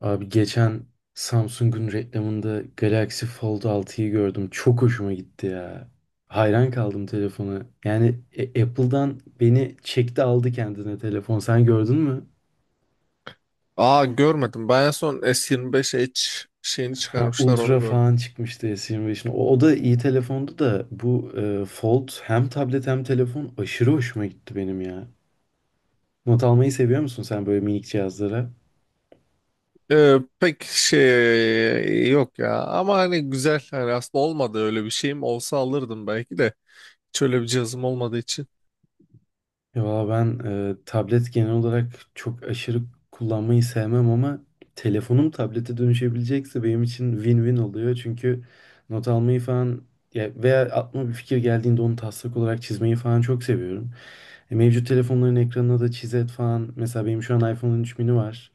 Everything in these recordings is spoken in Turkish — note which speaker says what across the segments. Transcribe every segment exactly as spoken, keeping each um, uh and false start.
Speaker 1: Abi geçen Samsung'un reklamında Galaxy Fold altıyı gördüm. Çok hoşuma gitti ya. Hayran kaldım telefona. Yani e- Apple'dan beni çekti aldı kendine telefon. Sen gördün mü?
Speaker 2: Aa, görmedim. Ben en son S yirmi beş H şeyini
Speaker 1: Ha,
Speaker 2: çıkarmışlar onu
Speaker 1: Ultra
Speaker 2: gördüm.
Speaker 1: falan çıkmıştı S yirmi beşin. O, o da iyi telefondu da bu e, Fold hem tablet hem telefon aşırı hoşuma gitti benim ya. Not almayı seviyor musun sen böyle minik cihazlara?
Speaker 2: Ee, pek şey yok ya. Ama hani güzel. Hani aslında olmadı öyle bir şeyim. Olsa alırdım belki de. Hiç öyle bir cihazım olmadığı için.
Speaker 1: Ya valla ben e, tablet genel olarak çok aşırı kullanmayı sevmem ama telefonum tablete dönüşebilecekse benim için win-win oluyor. Çünkü not almayı falan ya veya aklıma bir fikir geldiğinde onu taslak olarak çizmeyi falan çok seviyorum. E, mevcut telefonların ekranına da çizet falan. Mesela benim şu an iPhone on üç mini var.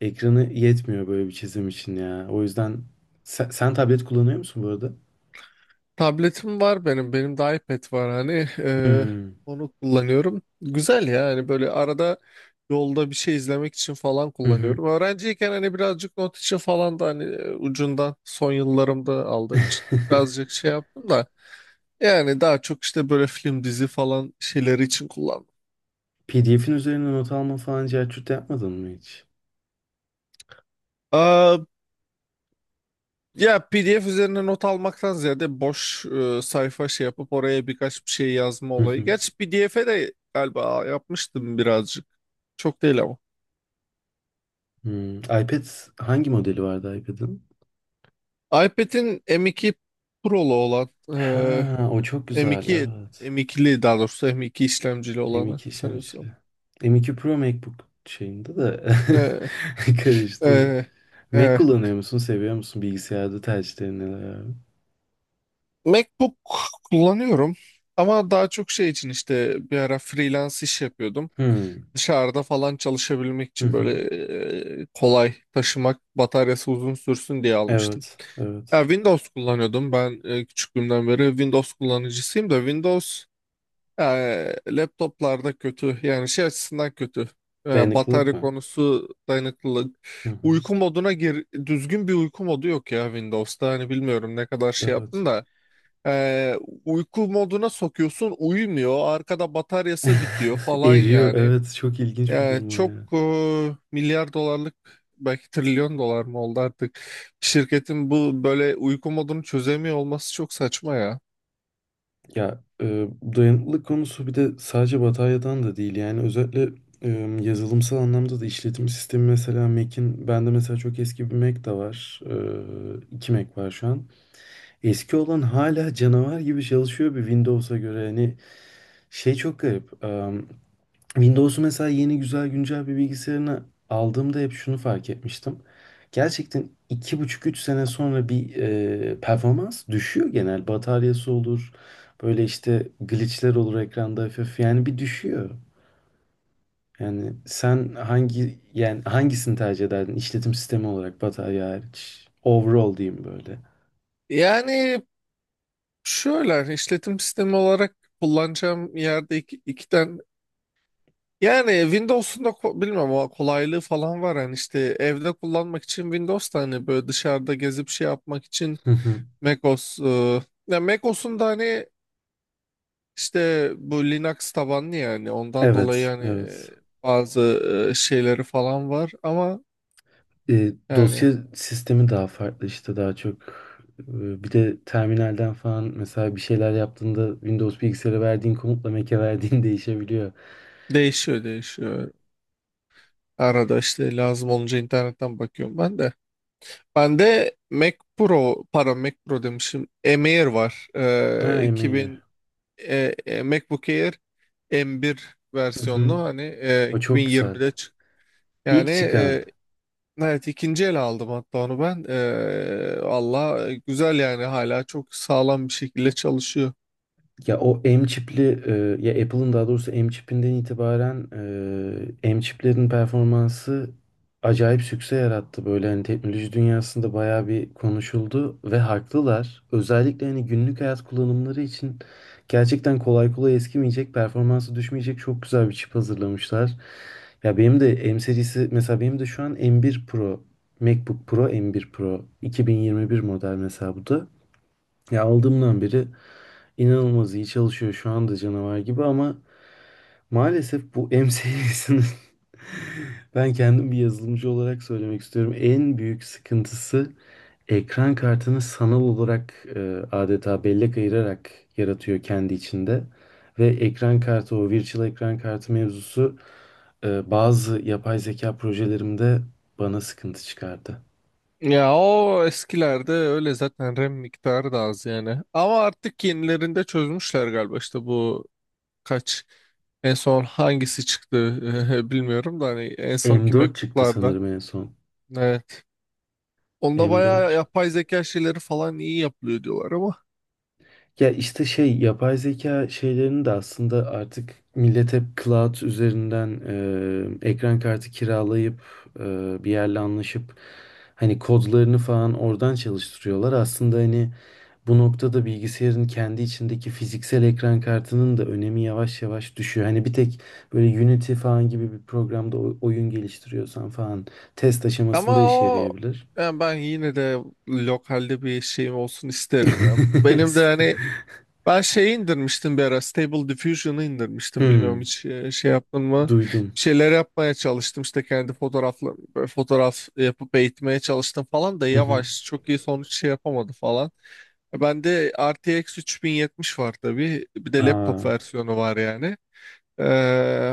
Speaker 1: Ekranı yetmiyor böyle bir çizim için ya. O yüzden sen, sen tablet kullanıyor musun bu arada?
Speaker 2: Tabletim var benim. Benim de iPad var hani. Ee,
Speaker 1: Hmm.
Speaker 2: onu kullanıyorum. Güzel ya. Hani böyle arada yolda bir şey izlemek için falan
Speaker 1: Hı hı.
Speaker 2: kullanıyorum. Öğrenciyken hani birazcık not için falan da hani e, ucundan son yıllarımda aldığım için birazcık şey yaptım da. Yani daha çok işte böyle film dizi falan şeyleri için kullandım.
Speaker 1: P D F'in üzerine not alma falan cahçut yapmadın mı hiç?
Speaker 2: Aa, ya P D F üzerine not almaktan ziyade boş e, sayfa şey yapıp oraya birkaç bir şey yazma olayı. Gerçi P D F'e de galiba yapmıştım birazcık. Çok değil ama.
Speaker 1: Hmm, iPad hangi modeli vardı iPad'ın?
Speaker 2: iPad'in M iki Pro'lu olan
Speaker 1: Ha, o çok
Speaker 2: e,
Speaker 1: güzel
Speaker 2: M2
Speaker 1: evet.
Speaker 2: M2'li daha doğrusu M iki işlemcili olanı
Speaker 1: M iki
Speaker 2: sanıyorsam.
Speaker 1: işlemcili. M iki Pro MacBook şeyinde de
Speaker 2: E,
Speaker 1: karıştı.
Speaker 2: e,
Speaker 1: Mac
Speaker 2: e.
Speaker 1: kullanıyor musun? Seviyor musun? Bilgisayarda tercihlerin neler, abi?
Speaker 2: MacBook kullanıyorum. Ama daha çok şey için işte bir ara freelance iş yapıyordum.
Speaker 1: Hmm.
Speaker 2: Dışarıda falan çalışabilmek
Speaker 1: Hı
Speaker 2: için böyle
Speaker 1: hı.
Speaker 2: e, kolay taşımak, bataryası uzun sürsün diye almıştım.
Speaker 1: Evet.
Speaker 2: Ya
Speaker 1: Evet.
Speaker 2: Windows kullanıyordum. Ben e, küçüklüğümden beri Windows kullanıcısıyım da Windows e, laptoplarda kötü. Yani şey açısından kötü. E,
Speaker 1: Dayanıklılık
Speaker 2: batarya
Speaker 1: mı?
Speaker 2: konusu dayanıklılık.
Speaker 1: Hı hı.
Speaker 2: Uyku moduna gir, düzgün bir uyku modu yok ya Windows'ta. Hani bilmiyorum ne kadar şey
Speaker 1: Evet.
Speaker 2: yaptın da. E, uyku moduna sokuyorsun uyumuyor. Arkada bataryası bitiyor falan
Speaker 1: Eriyor.
Speaker 2: yani.
Speaker 1: Evet. Çok ilginç bir
Speaker 2: Yani
Speaker 1: durum o
Speaker 2: çok
Speaker 1: ya.
Speaker 2: e, milyar dolarlık belki trilyon dolar mı oldu artık şirketin bu böyle uyku modunu çözemiyor olması çok saçma ya.
Speaker 1: Ya e, dayanıklılık konusu bir de sadece batarya'dan da değil. Yani özellikle e, yazılımsal anlamda da işletim sistemi mesela Mac'in, bende mesela çok eski bir Mac de var. E, iki Mac var şu an. Eski olan hala canavar gibi çalışıyor bir Windows'a göre. Hani şey çok garip. Windows'u mesela, yeni güzel güncel bir bilgisayarını aldığımda hep şunu fark etmiştim. Gerçekten iki buçuk üç sene sonra bir e, performans düşüyor genel. Bataryası olur, böyle işte glitchler olur ekranda, hafif yani bir düşüyor. Yani sen hangi yani hangisini tercih ederdin işletim sistemi olarak, batarya hariç? Overall diyeyim böyle.
Speaker 2: Yani şöyle hani işletim sistemi olarak kullanacağım yerde iki, iki tane yani Windows'un da ko- bilmem o kolaylığı falan var yani işte evde kullanmak için Windows da hani böyle dışarıda gezip şey yapmak için
Speaker 1: Hı hı.
Speaker 2: macOS e, ya macOS'un da hani İşte bu Linux tabanlı yani ondan dolayı
Speaker 1: Evet,
Speaker 2: yani e,
Speaker 1: evet.
Speaker 2: bazı e, şeyleri falan var ama
Speaker 1: E,
Speaker 2: yani
Speaker 1: dosya sistemi daha farklı işte, daha çok. E, bir de terminalden falan mesela bir şeyler yaptığında, Windows bilgisayara verdiğin komutla Mac'e verdiğin değişebiliyor.
Speaker 2: değişiyor değişiyor. Arada işte lazım olunca internetten bakıyorum ben de. Ben de Mac Pro, pardon Mac Pro demişim. M Air var.
Speaker 1: Ha
Speaker 2: Ee,
Speaker 1: emeği.
Speaker 2: 2000 e, e, MacBook Air M bir
Speaker 1: Hı hı.
Speaker 2: versiyonlu hani e,
Speaker 1: O çok güzeldi.
Speaker 2: iki bin yirmide çıktı. Yani,
Speaker 1: İlk çıkan.
Speaker 2: evet, ikinci el aldım hatta onu ben. Ee, valla e, güzel yani hala çok sağlam bir şekilde çalışıyor.
Speaker 1: Ya o M çipli e, ya Apple'ın, daha doğrusu M çipinden itibaren e, M çiplerin performansı acayip sükse yarattı. Böyle hani teknoloji dünyasında bayağı bir konuşuldu ve haklılar. Özellikle hani günlük hayat kullanımları için gerçekten kolay kolay eskimeyecek, performansı düşmeyecek çok güzel bir çip hazırlamışlar. Ya benim de M serisi mesela, benim de şu an M bir Pro MacBook Pro M bir Pro iki bin yirmi bir model mesela bu da. Ya aldığımdan beri İnanılmaz iyi çalışıyor şu anda, canavar gibi. Ama maalesef bu M serisinin ben kendim bir yazılımcı olarak söylemek istiyorum, en büyük sıkıntısı, ekran kartını sanal olarak e, adeta bellek ayırarak yaratıyor kendi içinde. Ve ekran kartı, o virtual ekran kartı mevzusu e, bazı yapay zeka projelerimde bana sıkıntı çıkardı.
Speaker 2: Ya o eskilerde öyle zaten RAM miktarı da az yani. Ama artık yenilerinde çözmüşler galiba işte bu kaç en son hangisi çıktı bilmiyorum da hani en sonki
Speaker 1: M dört çıktı
Speaker 2: MacBook'larda.
Speaker 1: sanırım en son.
Speaker 2: Evet. Onda
Speaker 1: M dört
Speaker 2: bayağı
Speaker 1: çıktı.
Speaker 2: yapay zeka şeyleri falan iyi yapılıyor diyorlar ama.
Speaker 1: Ya işte şey, yapay zeka şeylerini de aslında artık millet hep cloud üzerinden e, ekran kartı kiralayıp e, bir yerle anlaşıp hani kodlarını falan oradan çalıştırıyorlar. Aslında hani bu noktada bilgisayarın kendi içindeki fiziksel ekran kartının da önemi yavaş yavaş düşüyor. Hani bir tek böyle Unity falan gibi bir programda o- oyun geliştiriyorsan falan test
Speaker 2: Ama
Speaker 1: aşamasında işe
Speaker 2: o
Speaker 1: yarayabilir.
Speaker 2: yani ben yine de lokalde bir şeyim olsun isterim ya. Benim de hani, ben şeyi indirmiştim bir ara. Stable Diffusion'ı indirmiştim. Bilmiyorum
Speaker 1: Hmm,
Speaker 2: hiç e, şey yaptın mı?
Speaker 1: duydum.
Speaker 2: Bir şeyler yapmaya çalıştım. İşte kendi fotoğrafla böyle fotoğraf yapıp eğitmeye çalıştım falan da
Speaker 1: Hı hı.
Speaker 2: yavaş. Çok iyi sonuç şey yapamadı falan. E, Bende R T X üç bin yetmiş var tabii. Bir de laptop
Speaker 1: Aa.
Speaker 2: versiyonu var yani. Ee,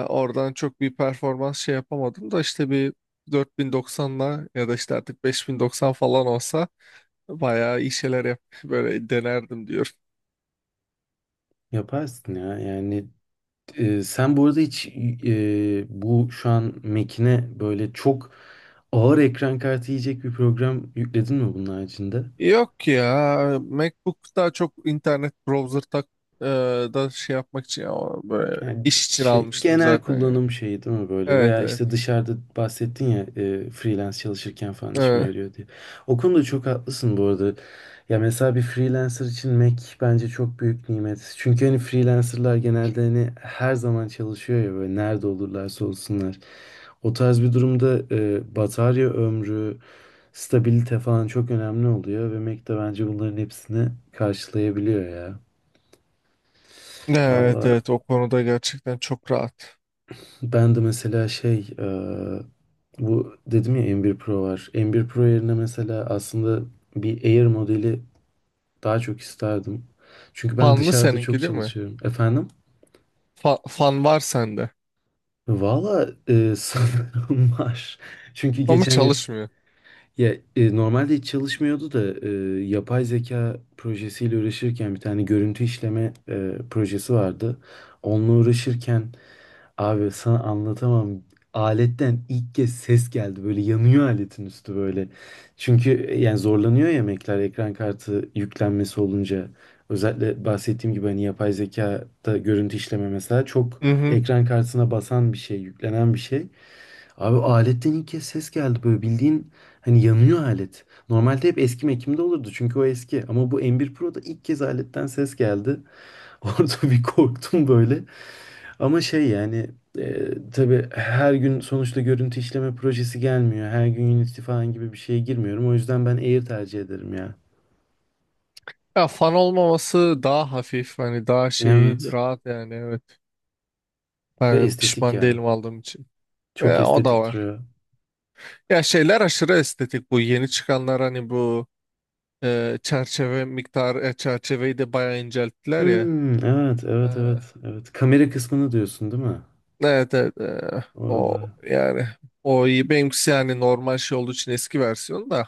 Speaker 2: oradan çok bir performans şey yapamadım da işte bir dört bin doksanla ya da işte artık beş bin doksan falan olsa bayağı iyi şeyler yap böyle denerdim.
Speaker 1: Yaparsın ya. Yani e, sen bu arada hiç e, bu şu an Mac'ine böyle çok ağır ekran kartı yiyecek bir program yükledin mi bunun haricinde?
Speaker 2: Yok ya, MacBook daha çok internet browser tak e, da şey yapmak için ama böyle
Speaker 1: Yani
Speaker 2: iş için
Speaker 1: şey,
Speaker 2: almıştım
Speaker 1: genel
Speaker 2: zaten yani.
Speaker 1: kullanım şeyi değil mi böyle?
Speaker 2: Evet,
Speaker 1: Veya
Speaker 2: evet.
Speaker 1: işte dışarıda bahsettin ya e, freelance çalışırken falan işime
Speaker 2: Evet.
Speaker 1: yarıyor diye. O konuda çok haklısın bu arada. Ya mesela bir freelancer için Mac bence çok büyük nimet. Çünkü hani freelancerlar genelde hani her zaman çalışıyor ya, böyle nerede olurlarsa olsunlar. O tarz bir durumda e, batarya ömrü, stabilite falan çok önemli oluyor, ve Mac de bence bunların hepsini karşılayabiliyor ya.
Speaker 2: Evet,
Speaker 1: Valla
Speaker 2: evet, o konuda gerçekten çok rahat.
Speaker 1: ben de mesela şey e, bu dedim ya, M bir Pro var. M bir Pro yerine mesela aslında bir Air modeli daha çok isterdim. Çünkü ben
Speaker 2: Fanlı
Speaker 1: dışarıda çok
Speaker 2: seninki değil mi?
Speaker 1: çalışıyorum. Efendim?
Speaker 2: Fa- fan var sende
Speaker 1: Valla e, sanırım var. Çünkü
Speaker 2: ama
Speaker 1: geçen ya,
Speaker 2: çalışmıyor.
Speaker 1: ya, e, normalde hiç çalışmıyordu da e, yapay zeka projesiyle uğraşırken bir tane görüntü işleme e, projesi vardı. Onunla uğraşırken, abi, sana anlatamam. Aletten ilk kez ses geldi. Böyle yanıyor aletin üstü böyle. Çünkü e, yani zorlanıyor ya Mac'ler ekran kartı yüklenmesi olunca. Özellikle bahsettiğim gibi hani yapay zekada görüntü işleme mesela çok
Speaker 2: Hı hı.
Speaker 1: ekran kartına basan bir şey, yüklenen bir şey. Abi aletten ilk kez ses geldi, böyle bildiğin hani yanıyor alet. Normalde hep eski Mac'imde olurdu çünkü o eski. Ama bu M bir Pro'da ilk kez aletten ses geldi. Orada bir korktum böyle. Ama şey yani e, tabii her gün sonuçta görüntü işleme projesi gelmiyor. Her gün Unity falan gibi bir şeye girmiyorum. O yüzden ben Air tercih ederim ya.
Speaker 2: Ya fan olmaması daha hafif hani daha şey
Speaker 1: Evet.
Speaker 2: rahat yani evet.
Speaker 1: Ve
Speaker 2: Ben
Speaker 1: estetik
Speaker 2: pişman değilim
Speaker 1: ya.
Speaker 2: aldığım için.
Speaker 1: Çok
Speaker 2: E, o da
Speaker 1: estetik
Speaker 2: var.
Speaker 1: duruyor.
Speaker 2: Ya şeyler aşırı estetik bu yeni çıkanlar hani bu Ee, çerçeve miktarı, e, çerçeveyi de bayağı incelttiler ya.
Speaker 1: Hmm, evet,
Speaker 2: Ee,
Speaker 1: evet, evet, evet. Kamera kısmını diyorsun değil mi?
Speaker 2: evet evet. ee, o
Speaker 1: Oralar.
Speaker 2: yani o iyi. Benimkisi yani normal şey olduğu için eski versiyon da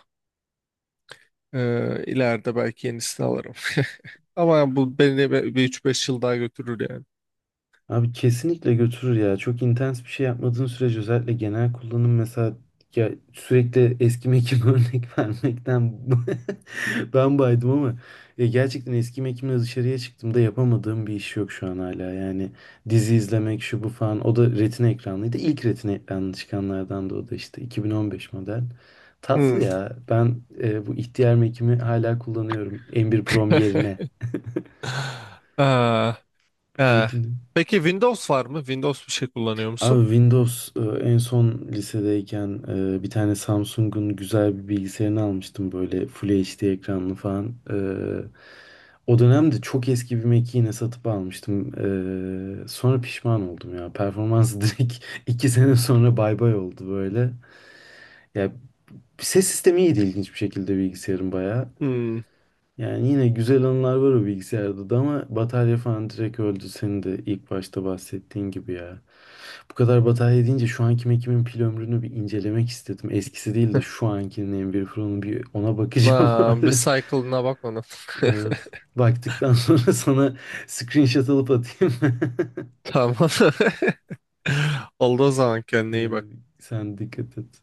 Speaker 2: ee, ileride belki yenisini alırım. Ama bu beni bir bir üç beş yıl daha götürür yani.
Speaker 1: Abi kesinlikle götürür ya. Çok intens bir şey yapmadığın sürece, özellikle genel kullanım mesela, ya sürekli eski mekim örnek vermekten ben baydım ama ya gerçekten eski mekimle dışarıya çıktığımda yapamadığım bir iş yok şu an hala. Yani dizi izlemek şu bu falan, o da retina ekranlıydı. İlk retina ekranlı çıkanlardan, da o da işte iki bin on beş model.
Speaker 2: Hmm.
Speaker 1: Tatlı ya. Ben e, bu ihtiyar mekimi hala kullanıyorum M bir Prom yerine.
Speaker 2: Aa, ee.
Speaker 1: Öyle.
Speaker 2: Peki Windows var mı? Windows bir şey kullanıyor
Speaker 1: Abi
Speaker 2: musun?
Speaker 1: Windows e, en son lisedeyken e, bir tane Samsung'un güzel bir bilgisayarını almıştım, böyle Full H D ekranlı falan. E, o dönemde çok eski bir Mac'i yine satıp almıştım. E, sonra pişman oldum ya. Performansı direkt iki sene sonra bay bay oldu böyle. Ya ses sistemi iyiydi, ilginç bir şekilde, bilgisayarın bayağı.
Speaker 2: Hmm.
Speaker 1: Yani yine güzel anılar var o bilgisayarda da, ama batarya falan direkt öldü, senin de ilk başta bahsettiğin gibi ya. Bu kadar batarya deyince şu anki Mac'imin pil ömrünü bir incelemek istedim. Eskisi değil de şu ankinin, m Pro'nun, bir ona bakacağım
Speaker 2: Aa, bir
Speaker 1: abi.
Speaker 2: cycle'ına bakmadım.
Speaker 1: Evet. Baktıktan sonra sana screenshot alıp atayım.
Speaker 2: Tamam. Olduğu zaman kendine iyi bak.
Speaker 1: Yani sen dikkat et.